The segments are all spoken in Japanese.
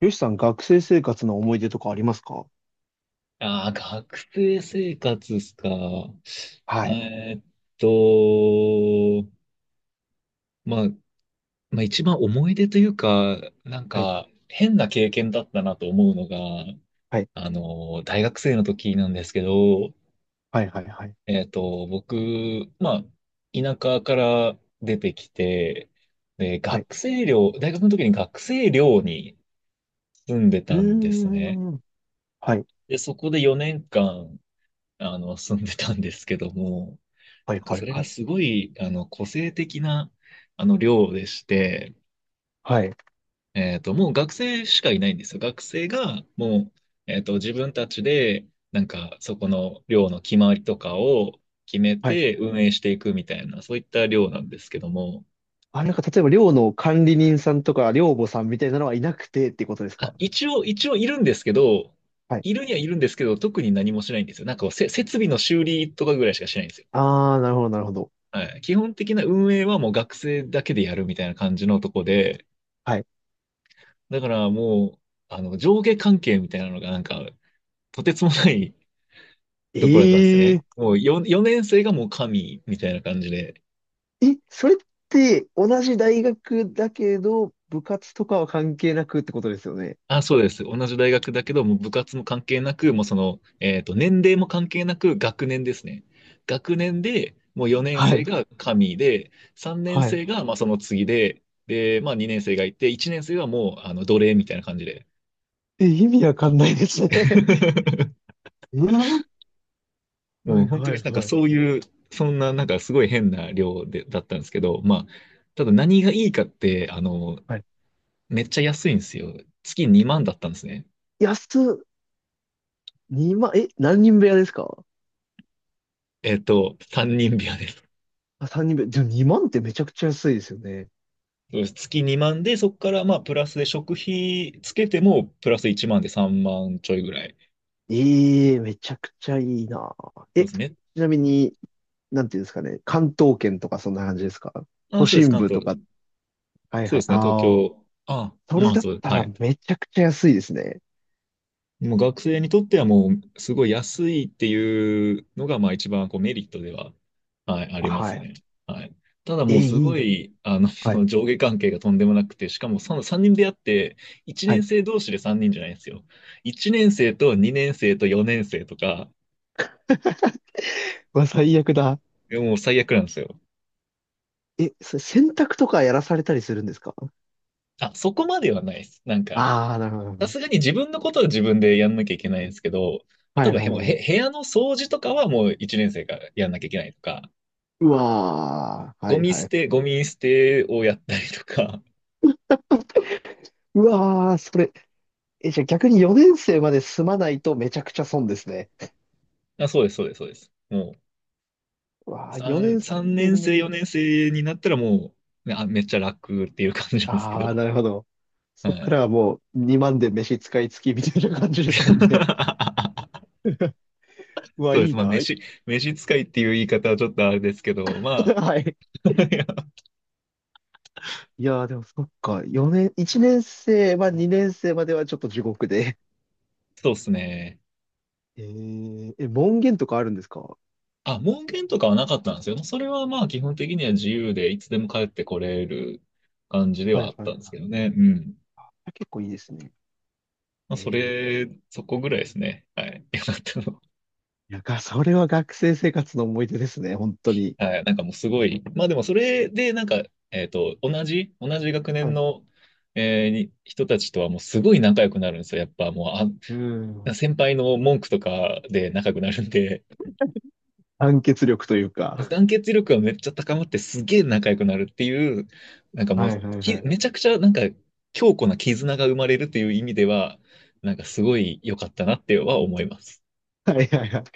よしさん、学生生活の思い出とかありますか？ああ、学生生活ですか。はい。えーっと、まあ、まあ一番思い出というか、なんはい、か変な経験だったなと思うのが、はい、大学生の時なんですけど、はい、はい、はい。僕、まあ、田舎から出てきて、で、はい。学生寮、大学の時に学生寮に住んでうたーんですね。ん。はい、で、そこで4年間、住んでたんですけども、はい、なんかはそい、れはがい。すごい、個性的な、量でして、はい、もう学生しかいないんですよ。学生が、もう、自分たちで、なんか、そこの量の決まりとかを決めはい。て運営していくみたいな、そういった量なんですけども、あ、なんか、例えば、寮の管理人さんとか、寮母さんみたいなのはいなくてってことですか？あ、一応いるんですけど、はい。いるにはいるんですけど、特に何もしないんですよ。なんかこう、設備の修理とかぐらいしかしないんですよ。あー、なるほど、なるほど。はい。基本的な運営はもう学生だけでやるみたいな感じのとこで、はい。だからもう、上下関係みたいなのがなんか、とてつもないところだったんですええね。もう4年生がもう神みたいな感じで。え、それって、同じ大学だけど、部活とかは関係なくってことですよね。あ、そうです。同じ大学だけど、もう部活も関係なく、もうその、年齢も関係なく学年ですね。学年で、もう4年は生い。が神で、3年はい。生がまあその次で、で、まあ2年生がいて、1年生はもう、奴隷みたいな感じで。え、意味わかんないですね。えーはもうい、本当はにい、なんかはい。そういう、そんななんかすごい変な量で、だったんですけど、まあ、ただ何がいいかって、はい。めっちゃ安いんですよ。月2万だったんですね。安っ。2万、え、何人部屋ですか？3人部屋です。あ、3人部屋。でも2万ってめちゃくちゃ安いですよね。そうです月2万で、そこからまあ、プラスで食費つけても、プラス1万で3万ちょいぐらい。ええ、めちゃくちゃいいな。そえ、うでちすね。なみに、なんていうんですかね。関東圏とかそんな感じですか？ああ、都そうです、心関部と東。か。はいそうはでい。すね、東ああ、京。ああ、それまあ、だっそう、ですたはらい。めちゃくちゃ安いですね。もう学生にとってはもうすごい安いっていうのがまあ一番こうメリットでは、はい、ありまはすい。ね。はい。ただえ、もうすいいごな。い、はい。上下関係がとんでもなくて、しかもその3人でやって、1は年い。生同士で3人じゃないんですよ。1年生と2年生と4年生とか、うわ、最悪だ。もう最悪なんですよ。え、それ洗濯とかやらされたりするんですか？あ、そこまではないです。なんか、ああー、なるほさど。すがに自分のことは自分でやんなきゃいけないんですけど、な例えるばほど、へはもいうはいはへい。部屋の掃除とかはもう1年生がやんなきゃいけないとか、うわー、はいはい。ゴミ捨てをやったりとか、うわー、それ、え、じゃあ逆に4年生まで済まないとめちゃくちゃ損ですね。あ、そうです、そうです、そうです。もう、うわあ、4 3、年三生年の、生、4年生になったらもう、ねあ、めっちゃ楽っていう感じなんですけああ、ど。なるほど。はそっかい。らはもう2万で飯使い付きみたいな感じですもんね。うわ、そうでいす。いまあ、な。はい。飯使いっていう言い方はちょっとあれですけど、まいあ、いややー、でもそっか。4年、1年生は2年生まではちょっと地獄で。そうですね。えー、え、門限とかあるんですか？はあ、門限とかはなかったんですよ。それはまあ、基本的には自由で、いつでも帰ってこれる感じでいははあいっはたい。んですけどね。うん。あ、結構いいですね。まあ、そえー、れ、そこぐらいですね。はい。よかったのは、いや、がそれは学生生活の思い出ですね、本当に。はい、なんかもうすごい、まあでもそれでなんか、同じ学は年い。の、えーに人たちとはもうすごい仲良くなるんですよ。やっぱもうん。う、あ、先輩の文句とかで仲良くなるんで、団結力という か。団結力がめっちゃ高まってすげえ仲良くなるっていう、なんかもはう、いはいはい。めちゃくちゃなんか強固な絆が生まれるっていう意味では、なんかすごい良かったなっては思います。はいはいはい。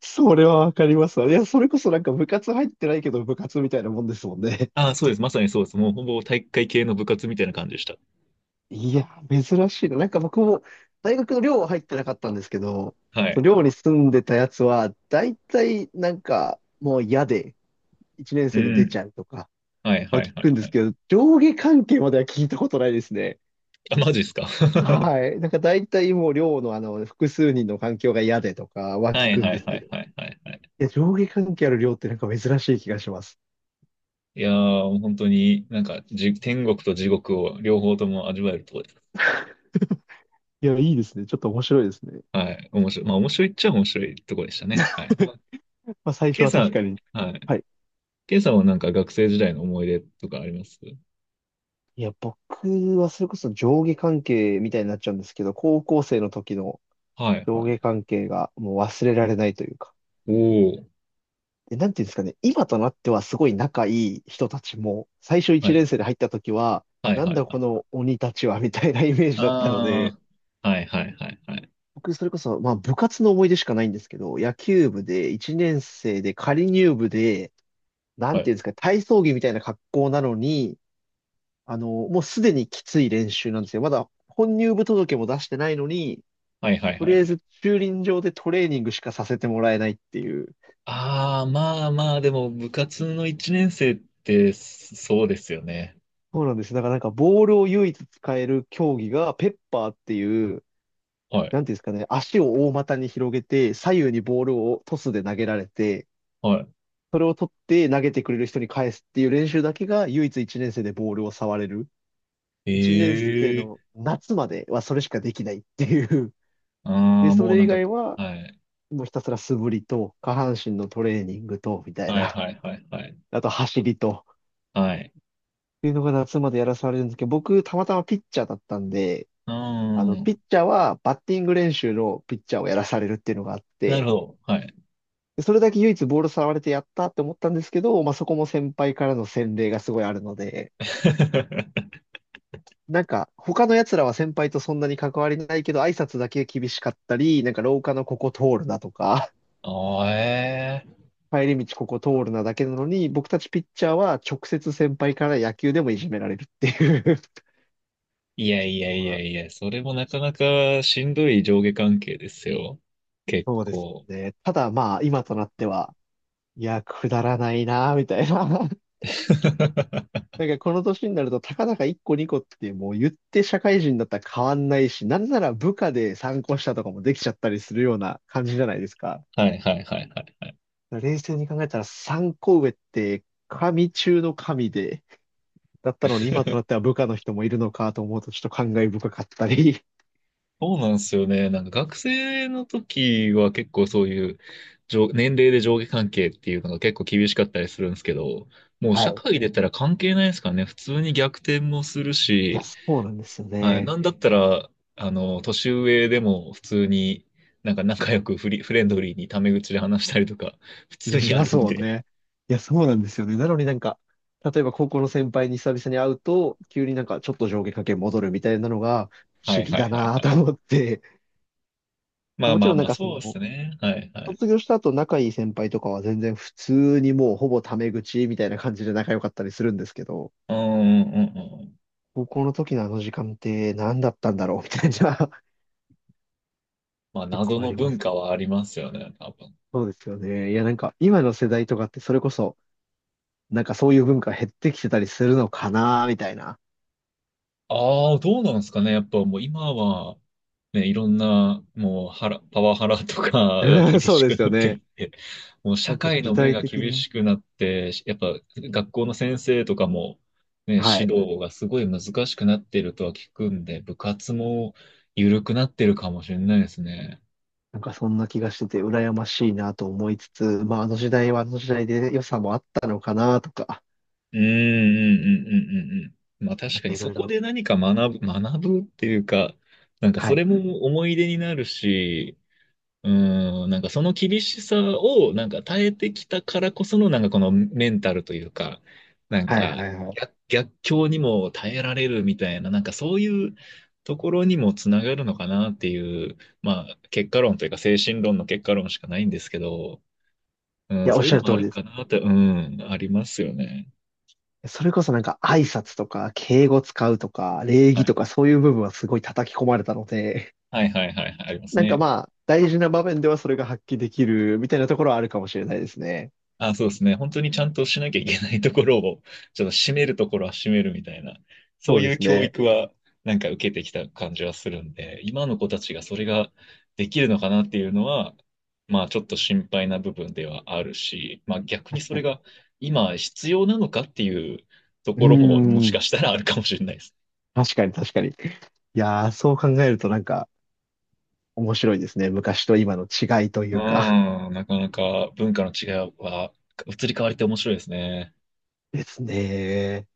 それはわかりますわ。いや、それこそなんか部活入ってないけど部活みたいなもんですもんね。ああ、そうです。まさにそうです。もうほぼ体育会系の部活みたいな感じでした。いや、珍しいな。なんか僕も大学の寮は入ってなかったんですけど、はそのい。寮に住んでたやつは、大体なんかもう嫌で、1年う生で出ちん。ゃうとかはいははい聞はくんいではすい。けど、上下関係までは聞いたことないですね。あ、マジっすか。はい。なんか大体もう寮の複数人の環境が嫌でとかはは聞いくんはでいすはけど、いいはいはいはい。や、上下関係ある寮ってなんか珍しい気がします。いやー、もう本当になんか天国と地獄を両方とも味わえるところです。いや、いいですね。ちょっと面白いですね。はい。面白い。まあ面白いっちゃ面白いところでしたね。はい。まあ、まあ最初ケイはさ確かん、に。はい。はい。ケイさんはなんか学生時代の思い出とかあります？いや、僕はそれこそ上下関係みたいになっちゃうんですけど、高校生の時のはい上はい。下関係がもう忘れられないというか。おー。で、なんていうんですかね、今となってはすごい仲いい人たちも、最初は1年い。生で入った時は、はいなんはいだはこい。の鬼たちはみたいな イメージだったので、あー。はいはいはいはい。僕それこそ、まあ部活の思い出しかないんですけど、野球部で1年生で仮入部で、なはんていい。うんですか、体操着みたいな格好なのに、もうすでにきつい練習なんですよ。まだ本入部届も出してないのに、はいはいとはいはりあえい。ず駐輪場でトレーニングしかさせてもらえないっていう。あー、まあまあ、でも部活の1年生ってそうですよね。そうなんです。だからなんかボールを唯一使える競技がペッパーっていう、はい。なんていうんですかね、足を大股に広げて、左右にボールをトスで投げられて、はそれを取って投げてくれる人に返すっていう練習だけが唯一1年生でボールを触れる。い。1年生のえ夏まではそれしかできないっていう。あで、あ、そもうれな以んか、外ははい。もうひたすら素振りと、下半身のトレーニングと、みたいはいな。はいはいはい。あと走りと、っはい。ていうのが夏までやらされるんですけど、僕、たまたまピッチャーだったんで、うーピん。ッチャーはバッティング練習のピッチャーをやらされるっていうのがあっなるて、ほど。はい。でそれだけ唯一ボール触れてやったって思ったんですけど、まあ、そこも先輩からの洗礼がすごいあるので、なんか、他の奴らは先輩とそんなに関わりないけど、挨拶だけ厳しかったり、なんか廊下のここ通るなとか、ああ、ええ、帰り道ここ通るなだけなのに、僕たちピッチャーは直接先輩から野球でもいじめられるっていう。 いやい やのいやがいや、それもなかなかしんどい上下関係ですよ。結そうです構。ね。ただまあ、今となっては、いや、くだらないな、みたいな。なんかこの年になると、たかだか1個2個ってもう言って社会人だったら変わんないし、なんなら部下で参考したとかもできちゃったりするような感じじゃないですか。はいはいはいはい。冷静に考えたら参考上って神中の神で、だったのに今となって は部下の人もいるのかと思うとちょっと感慨深かったり。そうなんですよね。なんか学生の時は結構そういう上年齢で上下関係っていうのが結構厳しかったりするんですけど、もうは社い。会出たら関係ないですからね。普通に逆転もするいや、し、そうなんですよはい。ね。なんだったら、年上でも普通に、なんか仲良くフレンドリーにタメ口で話したりとか、普いや、通にしあまるすんもんで。ね。いや、そうなんですよね。なのになんか、例えば高校の先輩に久々に会うと、急になんかちょっと上下関係戻るみたいなのが不は思い議はいだはいなはとい。思って。まあもちまあろんなまんあ、かそそうですの、ね。はいはい。卒業した後仲いい先輩とかは全然普通にもうほぼタメ口みたいな感じで仲良かったりするんですけど、うんうんうんうん。高校の時のあの時間って何だったんだろうみたいな。 まあ、結謎構あのりま文す。化はありますよね、多分。そうですよね。いやなんか今の世代とかってそれこそなんかそういう文化減ってきてたりするのかな、みたいな。ああ、どうなんですかね。やっぱもう今は、ね、いろんな、もう、パワハラとか が 厳そうしでくすよなってね。いて、もうな社んか会時の目代が的厳に。しくなって、やっぱ学校の先生とかも、ね、はい。指導がすごい難しくなっているとは聞くんで、部活も緩くなってるかもしれないですね。なんかそんな気がしてて、羨ましいなと思いつつ、まああの時代はあの時代で良さもあったのかなとか、うん、うん、うん、うん、うん。うん、まあな確んかかにいそろいころ。で何か学ぶっていうか、なんかはそい。れも思い出になるし、うん、なんかその厳しさをなんか耐えてきたからこそのなんかこのメンタルというか、なんはいかはいはい。い逆境にも耐えられるみたいな、なんかそういうところにもつながるのかなっていう、まあ結果論というか精神論の結果論しかないんですけど、うん、や、おっそういうしゃのるも通ありるですかね。なって、うん、ありますよね。それこそなんか挨拶とか敬語使うとか礼は儀とい。かそういう部分はすごい叩き込まれたので、はいはいはいはい、ありま すなんかね。まあ大事な場面ではそれが発揮できるみたいなところはあるかもしれないですね。あ、そうですね。本当にちゃんとしなきゃいけないところを、ちょっと締めるところは締めるみたいな、そそううでいうす教ね。育はなんか受けてきた感じはするんで、今の子たちがそれができるのかなっていうのは、まあちょっと心配な部分ではあるし、まあ逆に確そかれに。が今必要なのかっていうとうーころももしん。かしたらあるかもしれないです。確かに確かに。いやー、そう考えるとなんか面白いですね。昔と今の違いといううか。ん、なかなか文化の違いは移り変わりって面白いですね。ですね。